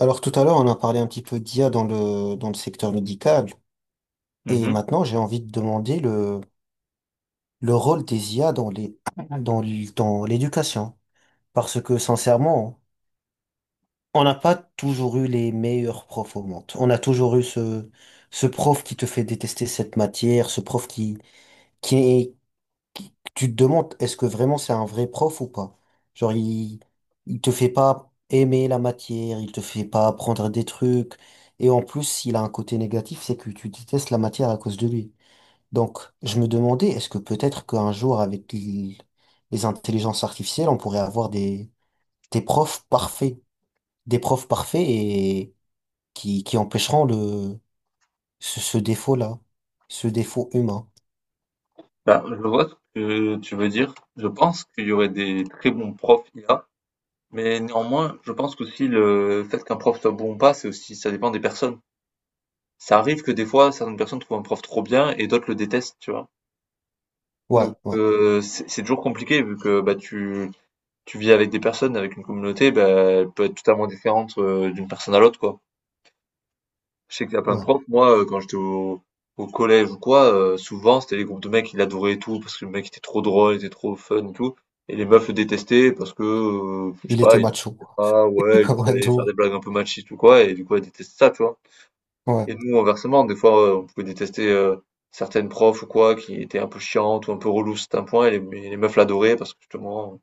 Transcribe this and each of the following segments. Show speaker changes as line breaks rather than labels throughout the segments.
Alors tout à l'heure, on a parlé un petit peu d'IA dans le secteur médical. Et
Mhm.
maintenant, j'ai envie de demander le rôle des IA dans l'éducation. Parce que sincèrement, on n'a pas toujours eu les meilleurs profs au monde. On a toujours eu ce prof qui te fait détester cette matière, ce prof, qui, tu te demandes, est-ce que vraiment c'est un vrai prof ou pas? Genre, il te fait pas aimer la matière, il te fait pas apprendre des trucs. Et en plus, il a un côté négatif, c'est que tu détestes la matière à cause de lui. Donc, je me demandais, est-ce que peut-être qu'un jour, avec les intelligences artificielles, on pourrait avoir des profs parfaits, des profs parfaits et qui empêcheront ce défaut-là, ce défaut humain.
Bah, je vois ce que tu veux dire. Je pense qu'il y aurait des très bons profs IA, mais néanmoins, je pense qu'aussi le fait qu'un prof soit bon ou pas, c'est aussi, ça dépend des personnes. Ça arrive que des fois, certaines personnes trouvent un prof trop bien et d'autres le détestent, tu vois.
Ouais,
Donc,
ouais,
c'est toujours compliqué vu que bah, tu vis avec des personnes, avec une communauté, bah, elle peut être totalement différente d'une personne à l'autre, quoi. Je sais qu'il y a plein de
ouais.
profs. Moi, quand j'étais au collège ou quoi, souvent, c'était les groupes de mecs qui l'adoraient et tout, parce que le mec était trop drôle, il était trop fun et tout. Et les meufs le détestaient parce que, je sais
Il
pas,
était
il en
macho.
faisait pas, ouais, il
Ouais, de
pouvait faire des
ouf.
blagues un peu machistes ou quoi, et du coup, elles détestaient ça, tu vois. Et
Ouais.
nous, inversement, des fois, on pouvait détester certaines profs ou quoi, qui étaient un peu chiantes ou un peu reloues c'est un point, et les meufs l'adoraient parce que, justement,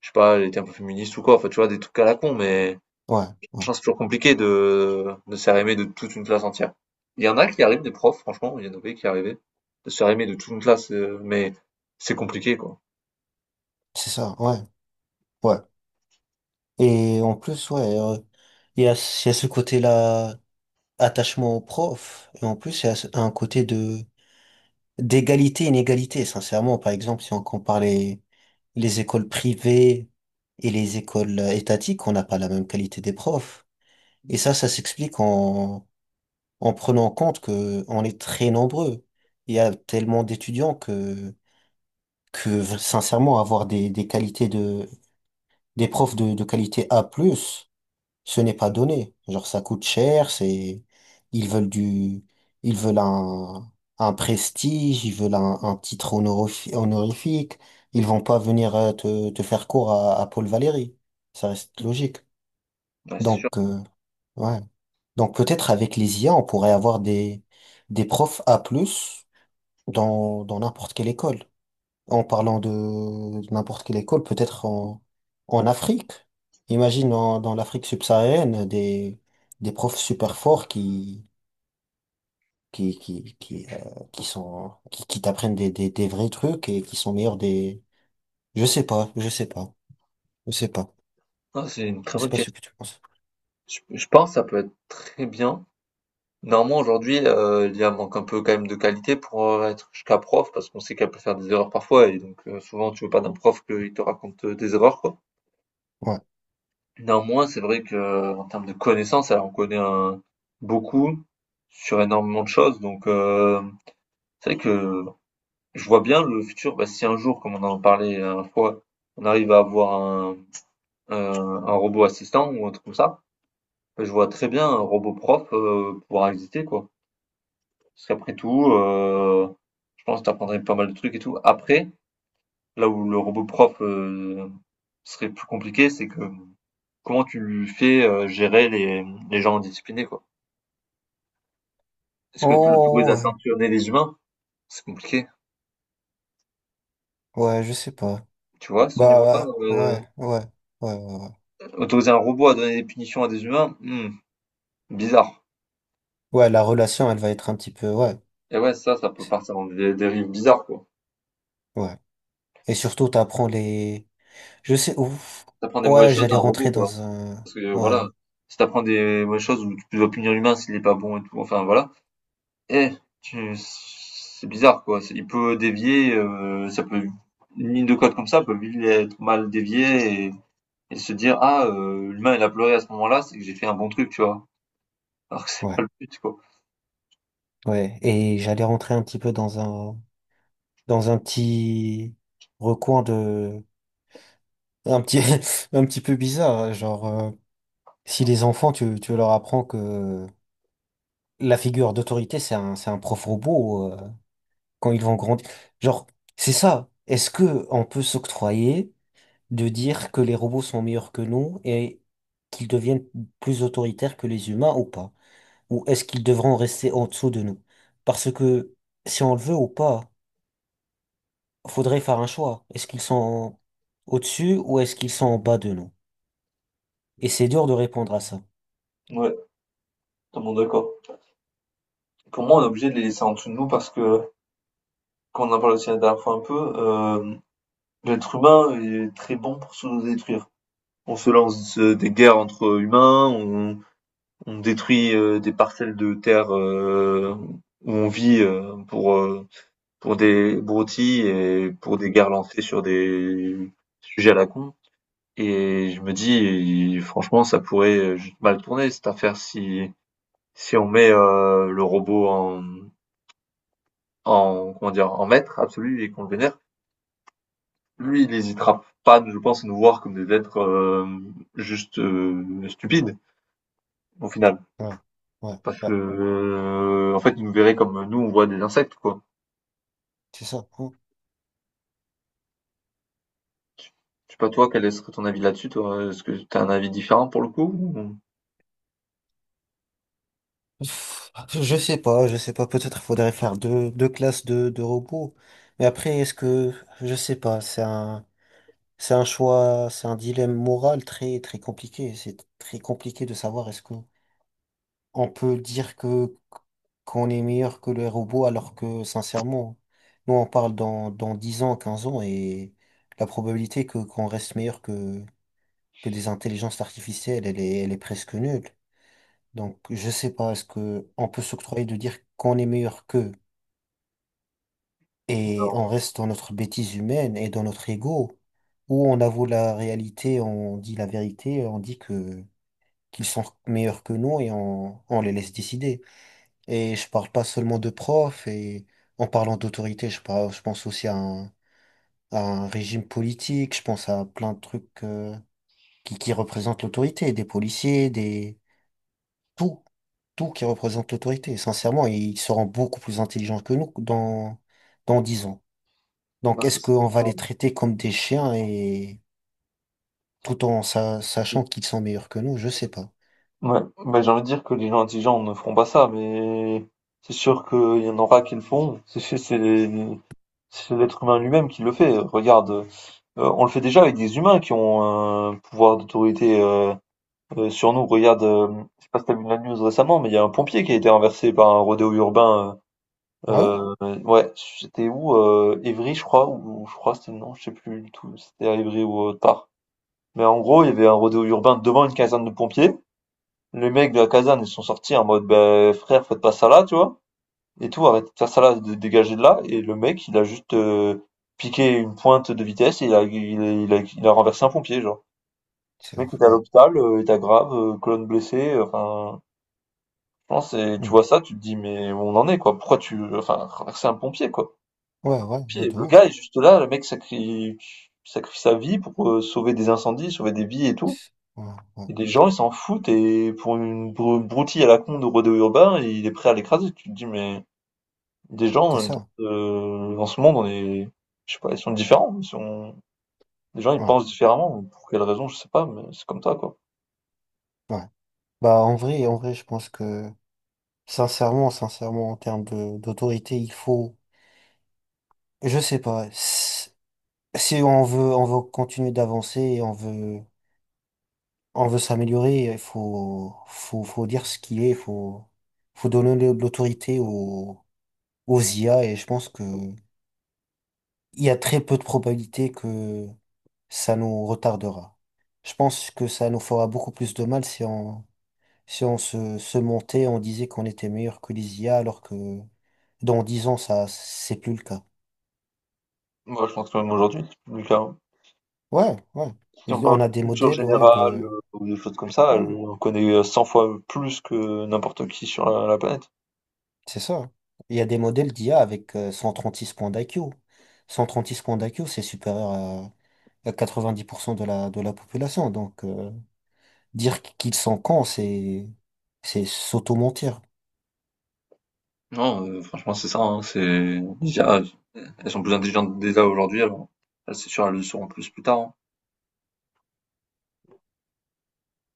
je sais pas, elle était un peu féministe ou quoi, enfin, tu vois, des trucs à la con, mais...
Ouais, ouais,
Franchement, c'est toujours compliqué de se faire aimer de toute une classe entière. Il y en a qui arrivent, des profs, franchement, il y en avait qui arrivaient, de se faire aimer de toute une classe, mais c'est compliqué, quoi.
c'est ça, ouais, ouais. Et en plus, ouais, il y a ce côté-là, attachement au prof, et en plus, il y a un côté de d'égalité, inégalité, sincèrement. Par exemple, si on compare les écoles privées et les écoles étatiques, on n'a pas la même qualité des profs. Et ça s'explique en prenant en compte que on est très nombreux. Il y a tellement d'étudiants que sincèrement, avoir des qualités de des profs de qualité A+, plus, ce n'est pas donné. Genre, ça coûte cher, ils veulent du, ils veulent un prestige, ils veulent un titre honorifique. Ils vont pas venir te faire cours à Paul Valéry. Ça reste logique.
Ouais, c'est sûr.
Donc, ouais. Donc, peut-être avec les IA, on pourrait avoir des profs A+, plus dans n'importe quelle école en parlant de n'importe quelle école, peut-être en Afrique. Imagine dans l'Afrique subsaharienne des profs super forts qui, qui, qui, euh, qui t'apprennent des vrais trucs et qui sont meilleurs des, je sais pas, je sais pas, je sais pas,
Ah, c'est une très
je sais
bonne
pas ce
question.
que tu penses.
Je pense que ça peut être très bien. Néanmoins, aujourd'hui, a manque un peu quand même de qualité pour, être jusqu'à prof, parce qu'on sait qu'elle peut faire des erreurs parfois et donc souvent, tu veux pas d'un prof qu'il te raconte, des erreurs, quoi.
Ouais.
Néanmoins, c'est vrai que en termes de connaissances, elle en connaît, beaucoup sur énormément de choses, donc heu. C'est vrai que je vois bien le futur, bah, si un jour, comme on en parlait la dernière fois, on arrive à avoir un robot assistant ou un truc comme ça, bah, je vois très bien un robot prof pouvoir exister, quoi. Parce qu'après tout, je pense que t'apprendrais pas mal de trucs et tout. Après, là où le robot prof serait plus compliqué, c'est que comment tu lui fais gérer les gens indisciplinés, quoi. Est-ce que tu l'autorises
Oh,
à
ouais,
sanctionner les humains? C'est compliqué.
ouais, je sais pas.
Tu vois, à ce niveau-là,
Bah, ouais, ouais, ouais, ouais, ouais.
autoriser un robot à donner des punitions à des humains, hmm, bizarre.
Ouais, la relation, elle va être un petit peu, ouais,
Et ouais, ça peut partir dans des dérives bizarres, quoi.
ouais. Et surtout, t'apprends les. Je sais, ouf.
T'apprends des mauvaises
Ouais,
choses à
j'allais
un robot,
rentrer
quoi.
dans un.
Parce que
Ouais,
voilà, si t'apprends des mauvaises choses où tu dois punir l'humain s'il est pas bon et tout, enfin voilà. Eh, tu... c'est bizarre, quoi. C'est- Il peut dévier, ça peut une ligne de code comme ça peut vite être mal déviée et se dire ah l'humain il a pleuré à ce moment-là, c'est que j'ai fait un bon truc, tu vois. Alors que c'est
ouais,
pas le but, quoi.
ouais, et j'allais rentrer un petit peu dans un petit recoin de, un petit, un petit peu bizarre, hein. Genre, si les enfants, tu leur apprends que la figure d'autorité, c'est un prof robot, quand ils vont grandir. Genre, c'est ça. Est-ce que on peut s'octroyer de dire que les robots sont meilleurs que nous et qu'ils deviennent plus autoritaires que les humains ou pas? Ou est-ce qu'ils devront rester en dessous de nous? Parce que si on le veut ou pas, faudrait faire un choix. Est-ce qu'ils sont au-dessus ou est-ce qu'ils sont en bas de nous? Et c'est dur de répondre à ça.
Ouais, totalement d'accord. Pour moi, on est obligé de les laisser en dessous de nous parce que, quand on en parle aussi la dernière fois un peu, l'être humain est très bon pour se détruire. On se lance des guerres entre humains, on détruit des parcelles de terre où on vit pour des broutilles et pour des guerres lancées sur des sujets à la con. Et je me dis, franchement, ça pourrait juste mal tourner cette affaire si on met le robot en en comment dire en maître absolu et qu'on le vénère. Lui, il n'hésitera pas, je pense, à nous voir comme des êtres juste stupides, au final.
Ouais, ouais,
Parce que,
ouais,
en fait, il nous verrait comme nous, on voit des insectes, quoi.
c'est ça. Hmm.
Je sais pas, toi, quel serait ton avis là-dessus, toi? Est-ce que t'as un avis différent pour le coup? Ou
Pff, Je sais pas, peut-être faudrait faire deux classes de robots. Mais après, je sais pas, c'est un choix, c'est un dilemme moral très, très compliqué. C'est très compliqué de savoir est-ce que on peut dire que qu'on est meilleur que les robots alors que sincèrement, nous on parle dans 10 ans, 15 ans et la probabilité que qu'on reste meilleur que des intelligences artificielles, elle est presque nulle. Donc je sais pas, est-ce que on peut s'octroyer de dire qu'on est meilleur qu'eux et on
alors,
reste dans notre bêtise humaine et dans notre ego, ou on avoue la réalité, on dit la vérité, on dit que qu'ils sont meilleurs que nous et on les laisse décider. Et je parle pas seulement de profs, et en parlant d'autorité, je pense aussi à un régime politique, je pense à plein de trucs qui représentent l'autorité, des policiers, des. Tout, tout qui représente l'autorité. Sincèrement, ils seront beaucoup plus intelligents que nous dans 10 ans.
moi,
Donc
ça,
est-ce
c'est-
qu'on va les traiter comme des chiens et tout en sachant qu'ils sont meilleurs que nous? Je sais pas.
Ouais, bah, j'ai envie de dire que les gens intelligents ne feront pas ça, mais c'est sûr qu'il y en aura qui le font. C'est l'être humain lui-même qui le fait. Regarde, on le fait déjà avec des humains qui ont un pouvoir d'autorité. Sur nous, regarde, je sais pas si t'as vu la news récemment, mais il y a un pompier qui a été renversé par un rodéo urbain.
Ouais, ouais,
Ouais, c'était où? Évry, je crois, ou je crois, c'était non, je sais plus du tout, c'était à Évry ou autre part. Mais en gros, il y avait un rodéo urbain devant une caserne de pompiers. Les mecs de la caserne, ils sont sortis en mode, ben frère, faites pas ça là, tu vois. Et tout, arrêtez de faire ça là, de- dégagez de là. Et le mec, il a juste piqué une pointe de vitesse et il a renversé un pompier, genre.
c'est
Le mec
ouf,
était à
ouais.
l'hôpital, était grave, colonne blessée, enfin. Non, c'est tu vois
Mm.
ça, tu te dis: «Mais où on en est, quoi? Pourquoi tu enfin, c'est un pompier, quoi».
Ouais, ouais, ouais,
Pompier,
de
le
ouf.
gars est juste là, le mec sacrifie sacrifie sa vie pour, sauver des incendies, sauver des vies et tout
Ouais, ouais,
et les gens, ils s'en foutent et pour une broutille à la con de rodéo urbain, il est prêt à l'écraser. Tu te dis: «Mais des
c'est
gens,
ça.
dans ce monde, on est je sais pas, ils sont différents, ils sont les gens, ils
Ouais,
pensent différemment». Pour quelle raison, je sais pas, mais c'est comme ça, quoi.
ouais. Bah, en vrai, je pense que, sincèrement, sincèrement, en termes d'autorité, il faut, je sais pas, si on veut continuer d'avancer et on veut s'améliorer, il faut, dire ce qu'il est, il faut, donner de l'autorité aux IA et je pense que il y a très peu de probabilités que ça nous retardera. Je pense que ça nous fera beaucoup plus de mal si on, si on se montait, on disait qu'on était meilleur que les IA alors que dans 10 ans, ça, c'est plus le cas.
Moi, je pense que même aujourd'hui, c'est plus le cas, hein.
Ouais, ouais.
Si on
Mais
parle
on a
de
des
culture
modèles, ouais,
générale
de.
ou des choses comme ça,
Ouais,
on connaît 100 fois plus que n'importe qui sur la planète.
c'est ça. Il y a des modèles d'IA avec 136 points d'IQ. 136 points d'IQ, c'est supérieur à 90% de la population. Donc, dire qu'ils sont cons, c'est s'auto-mentir.
Non, franchement, c'est ça, hein, c'est, les IA, elles sont plus intelligentes déjà aujourd'hui, alors, elles, c'est sûr, elles le seront plus plus tard, hein.